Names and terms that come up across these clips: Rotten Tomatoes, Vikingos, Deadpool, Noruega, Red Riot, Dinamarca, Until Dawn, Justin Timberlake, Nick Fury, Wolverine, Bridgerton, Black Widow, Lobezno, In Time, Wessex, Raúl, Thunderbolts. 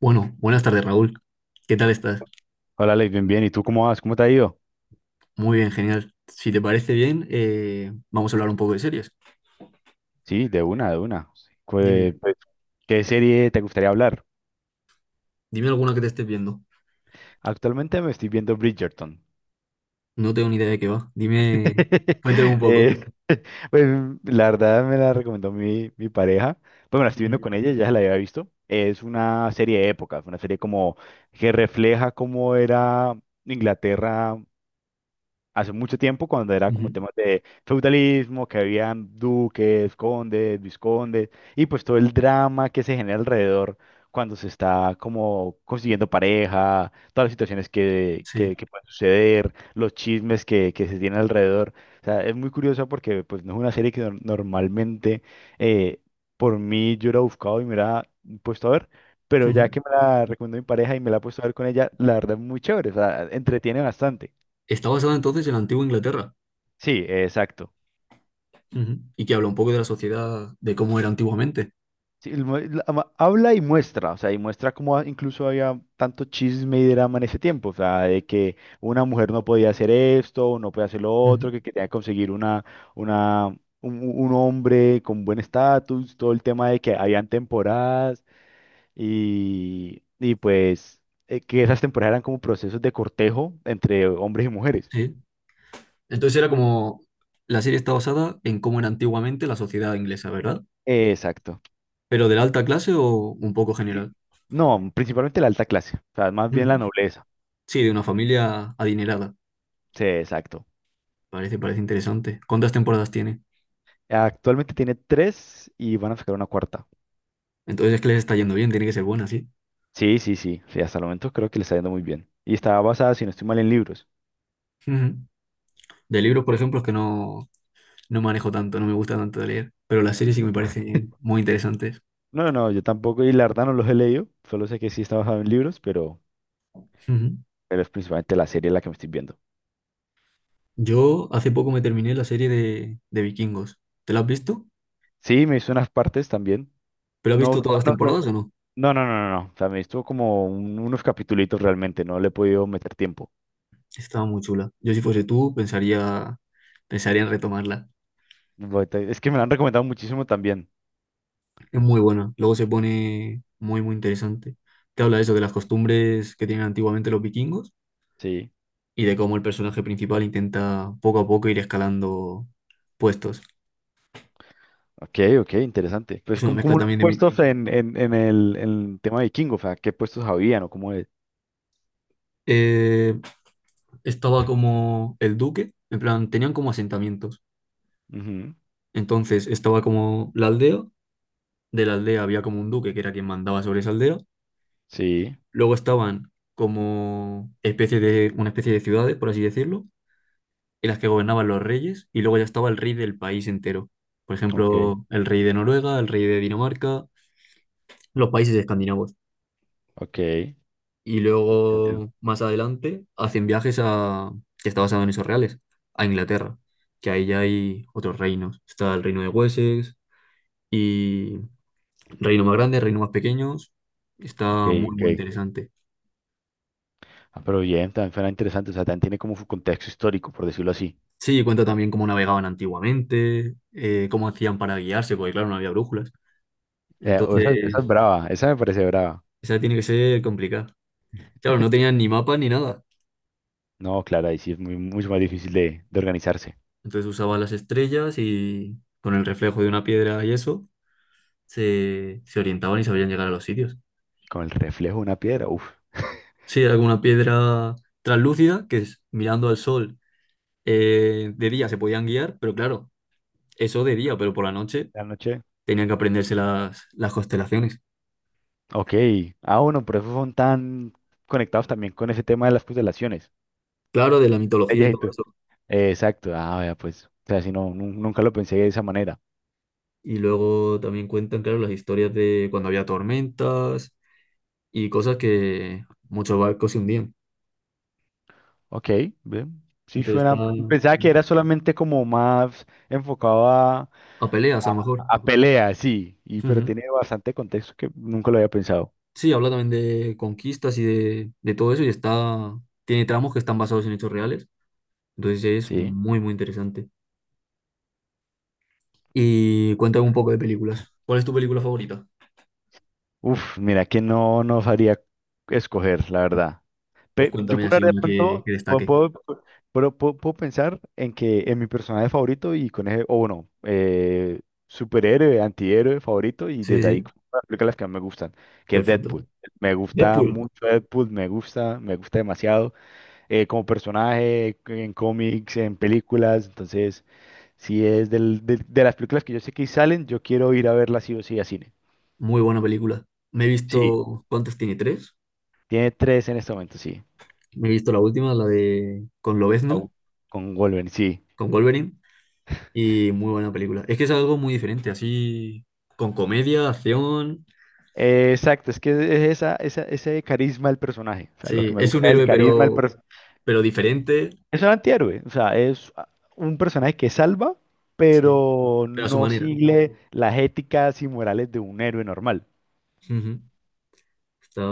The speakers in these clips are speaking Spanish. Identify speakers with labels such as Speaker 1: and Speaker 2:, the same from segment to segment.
Speaker 1: Bueno, buenas tardes, Raúl. ¿Qué tal estás?
Speaker 2: Hola, Alex, bien, bien. ¿Y tú cómo vas? ¿Cómo te ha ido?
Speaker 1: Muy bien, genial. Si te parece bien, vamos a hablar un poco de series.
Speaker 2: Sí, de una, de una.
Speaker 1: Dime,
Speaker 2: Pues, ¿qué serie te gustaría hablar?
Speaker 1: dime alguna que te estés viendo.
Speaker 2: Actualmente me estoy viendo Bridgerton.
Speaker 1: No tengo ni idea de qué va. Dime, cuéntame un poco.
Speaker 2: Eh, pues la verdad me la recomendó mi pareja. Pues me la estoy viendo
Speaker 1: Ujú,
Speaker 2: con ella, ya se la había visto. Es una serie de épocas, una serie como que refleja cómo era Inglaterra hace mucho tiempo cuando era como
Speaker 1: ujú,
Speaker 2: temas de feudalismo, que habían duques, condes, viscondes, y pues todo el drama que se genera alrededor cuando se está como consiguiendo pareja, todas las situaciones que,
Speaker 1: sí,
Speaker 2: que, que pueden suceder, los chismes que se tienen alrededor. O sea, es muy curioso porque pues no es una serie que normalmente eh, por mí yo hubiera buscado y me hubiera puesto a ver. Pero ya
Speaker 1: ujú.
Speaker 2: que me la recomendó mi pareja y me la he puesto a ver con ella, la verdad es muy chévere, o sea, entretiene bastante.
Speaker 1: Está basada entonces en la antigua Inglaterra.
Speaker 2: Sí, exacto.
Speaker 1: Ujú. Y que habla un poco de la sociedad, de cómo era antiguamente.
Speaker 2: Sí, el mu- la- ama- habla y muestra, o sea, y muestra cómo incluso había tanto chisme y drama en ese tiempo, o sea, de que una mujer no podía hacer esto, no podía hacer lo
Speaker 1: Ujú,
Speaker 2: otro, que quería conseguir una, un hombre con buen estatus, todo el tema de que habían temporadas y pues que esas temporadas eran como procesos de cortejo entre hombres y mujeres.
Speaker 1: sí. Entonces era como, la serie está basada en cómo era antiguamente la sociedad inglesa, ¿verdad?
Speaker 2: Exacto.
Speaker 1: Pero de la alta clase o un poco
Speaker 2: Sí.
Speaker 1: general.
Speaker 2: No, principalmente la alta clase, o sea, más bien
Speaker 1: Ujú.
Speaker 2: la nobleza.
Speaker 1: Sí, de una familia adinerada.
Speaker 2: Sí, exacto.
Speaker 1: Parece interesante. ¿Cuántas temporadas tiene?
Speaker 2: Actualmente tiene tres y van a sacar una cuarta.
Speaker 1: Entonces es que les está yendo bien, tiene que ser buena, sí.
Speaker 2: Sí, sí, sí, sí, hasta el momento creo que le está yendo muy bien. Y está basada, si no estoy mal, en libros.
Speaker 1: Ujú. De libros, por ejemplo, es que no, no manejo tanto, no me gusta tanto de leer, pero las series sí que
Speaker 2: Mm.
Speaker 1: me parecen muy interesantes.
Speaker 2: No, no, yo tampoco, y la verdad no los he leído, solo sé que sí está basado en libros, pero,
Speaker 1: Ujú.
Speaker 2: pero es principalmente la serie la que me estoy viendo.
Speaker 1: Yo hace poco me terminé la serie de Vikingos. ¿Te la has visto?
Speaker 2: Sí, me hizo unas partes también.
Speaker 1: ¿Pero has
Speaker 2: No,
Speaker 1: visto todas
Speaker 2: todas,
Speaker 1: las
Speaker 2: no, no,
Speaker 1: temporadas o no?
Speaker 2: no, no, no, no, no. O sea, me hizo como unos capitulitos realmente, no le he podido meter tiempo.
Speaker 1: Estaba muy chula. Yo si fuese tú, pensaría en retomarla.
Speaker 2: Es que me la han recomendado muchísimo también.
Speaker 1: Es muy buena. Luego se pone muy interesante. Te habla de eso, de las costumbres que tienen antiguamente los vikingos
Speaker 2: Sí.
Speaker 1: y de cómo el personaje principal intenta poco a poco ir escalando puestos.
Speaker 2: Ok, ok, interesante.
Speaker 1: Es
Speaker 2: Pues,
Speaker 1: una
Speaker 2: ¿cómo,
Speaker 1: mezcla
Speaker 2: cómo los
Speaker 1: también de mí.
Speaker 2: puestos en el tema vikingo? O sea, ¿qué puestos habían o cómo es?
Speaker 1: Eh, Estaba como el duque, en plan, tenían como asentamientos.
Speaker 2: Ujú.
Speaker 1: Entonces estaba como la aldea, de la aldea había como un duque que era quien mandaba sobre esa aldea.
Speaker 2: Sí,
Speaker 1: Luego estaban como especie de, una especie de ciudades, por así decirlo, en las que gobernaban los reyes, y luego ya estaba el rey del país entero. Por
Speaker 2: ok,
Speaker 1: ejemplo, el rey de Noruega, el rey de Dinamarca, los países escandinavos.
Speaker 2: ok.
Speaker 1: Y
Speaker 2: Entiendo.
Speaker 1: luego más adelante hacen viajes a, que está basado en esos reales, a Inglaterra, que ahí ya hay otros reinos. Está el reino de Wessex y reino más grande, reino más pequeños.
Speaker 2: Ok,
Speaker 1: Está muy
Speaker 2: ok.
Speaker 1: interesante.
Speaker 2: Ah, pero bien, también suena interesante. O sea, también tiene como su contexto histórico, por decirlo así.
Speaker 1: Sí, cuenta también cómo navegaban antiguamente, cómo hacían para guiarse, porque claro, no había brújulas.
Speaker 2: Esa es
Speaker 1: Entonces,
Speaker 2: brava, esa me parece brava.
Speaker 1: esa tiene que ser complicada. Claro, no tenían ni mapa ni nada.
Speaker 2: No, claro, ahí sí es mucho más difícil de organizarse.
Speaker 1: Entonces usaban las estrellas y con el reflejo de una piedra y eso se orientaban y sabían llegar a los sitios.
Speaker 2: Con el reflejo de una piedra, uff,
Speaker 1: Sí, era como una piedra translúcida que es- mirando al sol de día se podían guiar, pero claro, eso de día, pero por la noche
Speaker 2: la noche.
Speaker 1: tenían que aprenderse las constelaciones.
Speaker 2: Ok. Ah, bueno, por eso son tan conectados también con ese tema de las constelaciones.
Speaker 1: Claro, de la mitología y todo eso.
Speaker 2: Exacto, ah, vea, pues, o sea, si no, nunca lo pensé de esa manera.
Speaker 1: Y luego también cuentan, claro, las historias de cuando había tormentas y cosas que muchos barcos se hundían.
Speaker 2: Ok, bien, sí
Speaker 1: Entonces está
Speaker 2: suena, pensaba que era solamente como más enfocado a,
Speaker 1: a peleas, a lo mejor.
Speaker 2: a pelea, sí, pero
Speaker 1: Ujú.
Speaker 2: tiene bastante contexto que nunca lo había pensado,
Speaker 1: Sí, habla también de conquistas y de todo eso y está, tiene tramos que están basados en hechos reales. Entonces es
Speaker 2: sí.
Speaker 1: muy interesante. Y cuéntame un poco de películas. ¿Cuál es tu película favorita?
Speaker 2: Uf, mira que no sabría escoger, la verdad.
Speaker 1: Pues
Speaker 2: Yo
Speaker 1: cuéntame
Speaker 2: puedo
Speaker 1: así
Speaker 2: hablar
Speaker 1: una
Speaker 2: de. Sí. Pronto,
Speaker 1: que
Speaker 2: puedo,
Speaker 1: destaque.
Speaker 2: puedo, puedo- puedo- puedo pensar en que en mi personaje favorito y con ese, o bueno, superhéroe, antihéroe favorito y
Speaker 1: Sí,
Speaker 2: desde ahí
Speaker 1: sí,
Speaker 2: como las películas que más me gustan, que es Deadpool.
Speaker 1: perfecto.
Speaker 2: Me gusta
Speaker 1: Deadpool,
Speaker 2: mucho Deadpool, me gusta demasiado como personaje en cómics, en películas, entonces si es del, de las películas que yo sé que salen, yo quiero ir a verlas sí o sí a cine.
Speaker 1: muy buena película. Me he
Speaker 2: Sí,
Speaker 1: visto, ¿cuántas tiene? ¿Tres?
Speaker 2: tiene tres en este momento, sí.
Speaker 1: Me he visto la última, la de con Lobezno,
Speaker 2: Au. Con Wolverine, sí.
Speaker 1: con Wolverine, y muy buena película. Es que es algo muy diferente, así, con comedia, acción.
Speaker 2: Exacto, es que es ese carisma del personaje. O sea, lo que
Speaker 1: Sí,
Speaker 2: me
Speaker 1: es un
Speaker 2: gusta del
Speaker 1: héroe,
Speaker 2: carisma del personaje.
Speaker 1: pero diferente,
Speaker 2: Es un antihéroe, o sea, un personaje que salva,
Speaker 1: sí,
Speaker 2: pero
Speaker 1: pero a su
Speaker 2: no
Speaker 1: manera.
Speaker 2: sigue las éticas y morales de un héroe normal.
Speaker 1: Ujú. Está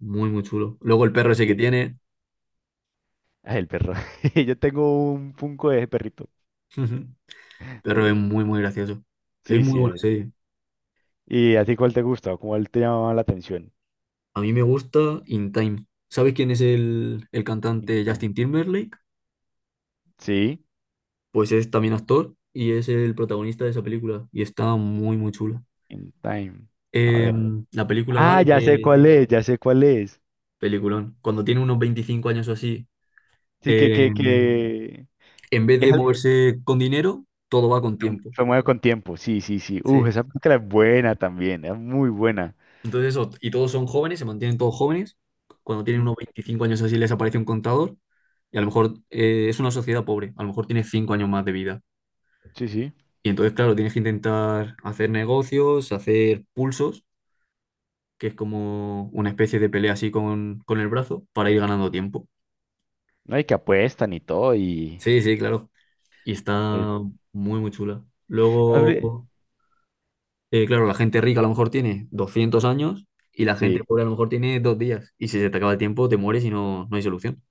Speaker 1: muy chulo. Luego el perro ese
Speaker 2: Sí,
Speaker 1: que
Speaker 2: es.
Speaker 1: tiene.
Speaker 2: Ah, el perro. Yo tengo un punco de ese perrito.
Speaker 1: Pero es
Speaker 2: Eh,
Speaker 1: muy gracioso. Es
Speaker 2: Sí,
Speaker 1: muy
Speaker 2: sí.
Speaker 1: buena serie.
Speaker 2: ¿Y a ti cuál te gusta o cuál te llamaba la atención?
Speaker 1: A mí me gusta In Time. ¿Sabes quién es el
Speaker 2: In
Speaker 1: cantante
Speaker 2: Time.
Speaker 1: Justin Timberlake?
Speaker 2: Sí,
Speaker 1: Pues es también actor y es el protagonista de esa película. Y está muy chula.
Speaker 2: In Time. A ver.
Speaker 1: La película va
Speaker 2: Ah,
Speaker 1: de
Speaker 2: ya sé
Speaker 1: que...
Speaker 2: cuál es, ya sé cuál es.
Speaker 1: Peliculón. Cuando tiene unos 25 años o así,
Speaker 2: Sí, que, que,
Speaker 1: em,
Speaker 2: que,
Speaker 1: en vez
Speaker 2: que es.
Speaker 1: de moverse con dinero, todo va con
Speaker 2: Fue
Speaker 1: tiempo.
Speaker 2: fue Mueve con tiempo, sí, sí, sí. Uf,
Speaker 1: Sí.
Speaker 2: esa película es buena también, es muy buena.
Speaker 1: Entonces eso, y todos son jóvenes, se mantienen todos jóvenes. Cuando tienen
Speaker 2: Mm,
Speaker 1: unos 25 años así les aparece un contador y a lo mejor es una sociedad pobre, a lo mejor tiene 5 años más de vida.
Speaker 2: sí, sí.
Speaker 1: Y entonces, claro, tienes que intentar hacer negocios, hacer pulsos, que es como una especie de pelea así con el brazo, para ir ganando tiempo.
Speaker 2: No, y que apuestan y todo, y...
Speaker 1: Sí, sí, claro. Y
Speaker 2: eh,
Speaker 1: está muy chula.
Speaker 2: la peli-
Speaker 1: Luego, claro, la gente rica a lo mejor tiene 200 años y la gente
Speaker 2: Sí,
Speaker 1: pobre a lo mejor tiene 2 días. Y si se te acaba el tiempo, te mueres y no hay solución.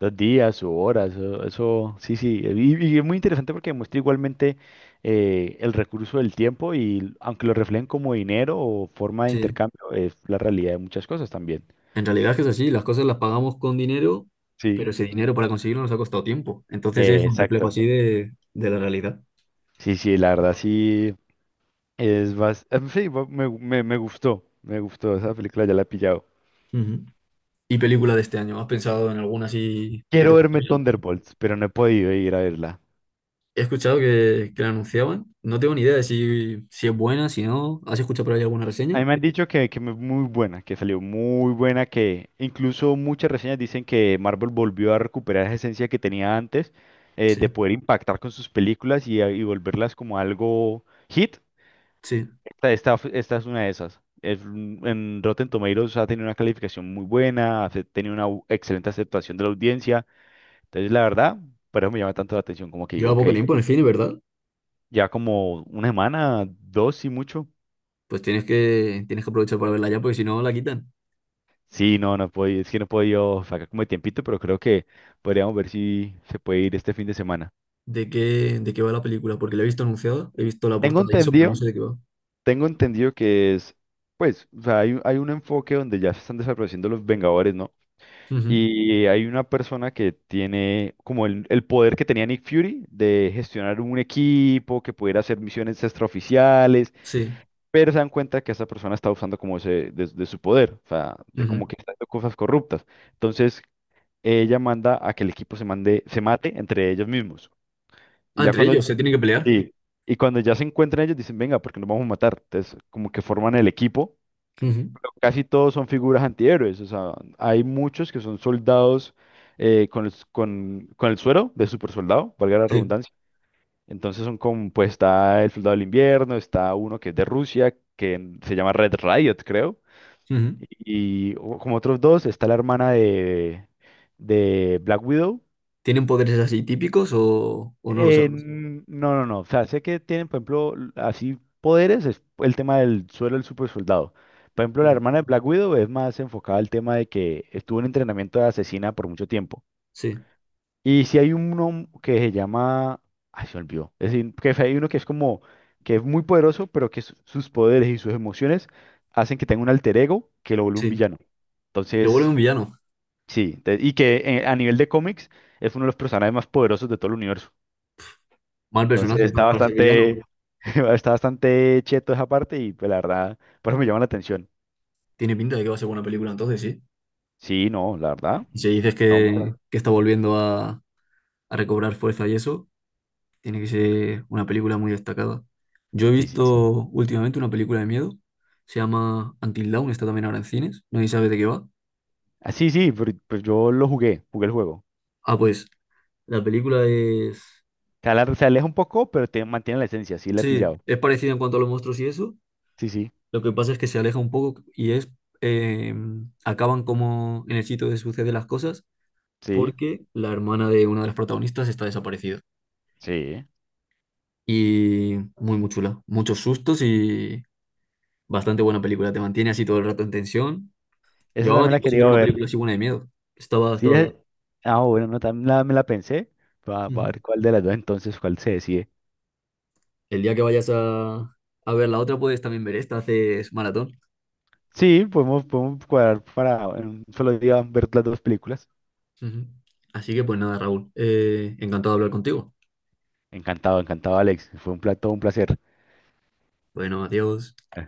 Speaker 2: dos días o horas, eso, sí, sí. Y es muy interesante porque muestra igualmente el recurso del tiempo y aunque lo reflejen como dinero o forma de
Speaker 1: Sí,
Speaker 2: intercambio, es la realidad de muchas cosas también.
Speaker 1: en realidad es que es así, las cosas las pagamos con dinero, pero
Speaker 2: Sí,
Speaker 1: ese dinero para conseguirlo nos ha costado tiempo. Entonces es un reflejo
Speaker 2: exacto.
Speaker 1: así de la realidad.
Speaker 2: Sí, sí, la verdad sí es más... Sí, me gustó, esa película ya la he pillado.
Speaker 1: Ujú. ¿Y película de este año? ¿Has pensado en alguna así que te
Speaker 2: Quiero
Speaker 1: guste
Speaker 2: verme
Speaker 1: bien?
Speaker 2: Thunderbolts, pero no he podido ir a verla.
Speaker 1: He escuchado que la anunciaban. No tengo ni idea de si, si es buena, si no. ¿Has escuchado por ahí alguna
Speaker 2: A
Speaker 1: reseña?
Speaker 2: mí me han dicho que es muy buena, que salió muy buena, que incluso muchas reseñas dicen que Marvel volvió a recuperar esa esencia que tenía antes, de
Speaker 1: Sí,
Speaker 2: poder impactar con sus películas y volverlas como algo hit.
Speaker 1: sí.
Speaker 2: Esta es una de esas. En Rotten Tomatoes ha tenido una calificación muy buena, ha tenido una excelente aceptación de la audiencia. Entonces, la verdad, por eso me llama tanto la atención, como que digo,
Speaker 1: Lleva
Speaker 2: ok,
Speaker 1: poco tiempo en el cine, ¿verdad?
Speaker 2: ya como una semana, dos y mucho.
Speaker 1: Pues tienes que aprovechar para verla ya, porque si no la quitan.
Speaker 2: Sí, no puedo ir, es que no puedo yo sacar como de tiempito, pero creo que podríamos ver si se puede ir este fin de semana.
Speaker 1: ¿De qué va la película? Porque la he visto anunciada, he visto la
Speaker 2: Tengo
Speaker 1: portada y eso, pero
Speaker 2: entendido.
Speaker 1: no
Speaker 2: Ok.
Speaker 1: sé de qué va.
Speaker 2: Tengo entendido que es, pues, o sea, hay un enfoque donde ya se están desapareciendo los Vengadores, ¿no?
Speaker 1: Ujú,
Speaker 2: Y hay una persona que tiene como el poder que tenía Nick Fury de gestionar un equipo, que pudiera hacer misiones extraoficiales,
Speaker 1: sí,
Speaker 2: pero se dan cuenta que esa persona está usando como ese, de su poder, o sea, de como
Speaker 1: ujú.
Speaker 2: que está haciendo cosas corruptas. Entonces, ella manda a que el equipo se mate entre ellos mismos. Y
Speaker 1: Ah,
Speaker 2: ya
Speaker 1: entre
Speaker 2: cuando,
Speaker 1: ellos se tienen que pelear.
Speaker 2: sí, y cuando ya se encuentran ellos, dicen, venga, porque nos vamos a matar. Entonces, como que forman el equipo.
Speaker 1: Ujú.
Speaker 2: Pero casi todos son figuras antihéroes. O sea, hay muchos que son soldados con el suero de super soldado, valga la
Speaker 1: Sí.
Speaker 2: redundancia. Entonces son como, pues está el soldado del invierno, está uno que es de Rusia, que se llama Red Riot, creo.
Speaker 1: Ujú.
Speaker 2: Como otros dos, está la hermana de Black Widow.
Speaker 1: ¿Tienen poderes así típicos o no lo sabes?
Speaker 2: No, no, no. O sea, sé que tienen, por ejemplo, así poderes, es el tema del suelo del super soldado. Por ejemplo, la
Speaker 1: Ujú.
Speaker 2: hermana de Black Widow es más enfocada al tema de que estuvo en entrenamiento de asesina por mucho tiempo.
Speaker 1: Sí.
Speaker 2: Y si hay uno que se llama... Ay, se me olvidó. Es decir, que hay uno que es como... que es muy poderoso, pero que sus poderes y sus emociones hacen que tenga un alter ego que lo vuelve un
Speaker 1: Sí.
Speaker 2: villano.
Speaker 1: Le vuelve un
Speaker 2: Entonces,
Speaker 1: villano.
Speaker 2: sí. Y que a nivel de cómics es uno de los personajes más poderosos de todo el universo.
Speaker 1: Mal
Speaker 2: Entonces
Speaker 1: personaje,
Speaker 2: está
Speaker 1: entonces, para ser villano.
Speaker 2: bastante, está bastante cheto esa parte y pues la verdad, por eso me llama la atención.
Speaker 1: Tiene pinta de que va a ser buena película, entonces sí.
Speaker 2: Sí, no, la verdad.
Speaker 1: Y si dices
Speaker 2: No,
Speaker 1: que está volviendo a recobrar fuerza y eso, tiene que ser una película muy destacada. Yo he
Speaker 2: sí, sí, sí.
Speaker 1: visto últimamente una película de miedo, se llama Until Dawn, está también ahora en cines, nadie sabe de qué va.
Speaker 2: Ah, sí, sí, pero, pues yo lo jugué, jugué el juego.
Speaker 1: Ah, pues la película es.
Speaker 2: Se aleja un poco, pero te mantiene la esencia, sí la he
Speaker 1: Sí,
Speaker 2: pillado.
Speaker 1: es parecida en cuanto a los monstruos y eso.
Speaker 2: Sí, sí,
Speaker 1: Lo que pasa es que se aleja un poco y es, eh, acaban como en el sitio donde suceden las cosas
Speaker 2: sí,
Speaker 1: porque la hermana de una de las protagonistas está desaparecida.
Speaker 2: sí.
Speaker 1: Y muy chula. Muchos sustos y bastante buena película. Te mantiene así todo el rato en tensión.
Speaker 2: Esa
Speaker 1: Llevaba
Speaker 2: también la
Speaker 1: tiempo sin
Speaker 2: quería
Speaker 1: ver una
Speaker 2: ver.
Speaker 1: película así buena de miedo.
Speaker 2: Sí,
Speaker 1: Estaba bien.
Speaker 2: ah, bueno, no, también me la pensé. Va, va a
Speaker 1: Ujú.
Speaker 2: ver cuál de las dos entonces, cuál se decide.
Speaker 1: El día que vayas a ver la otra puedes también ver esta. Haces maratón.
Speaker 2: Sí, podemos, cuadrar para en un solo día ver las dos películas.
Speaker 1: Ujú. Así que pues nada, Raúl, encantado de hablar contigo.
Speaker 2: Encantado, encantado, Alex. Fue un plato, un placer.
Speaker 1: Bueno, adiós.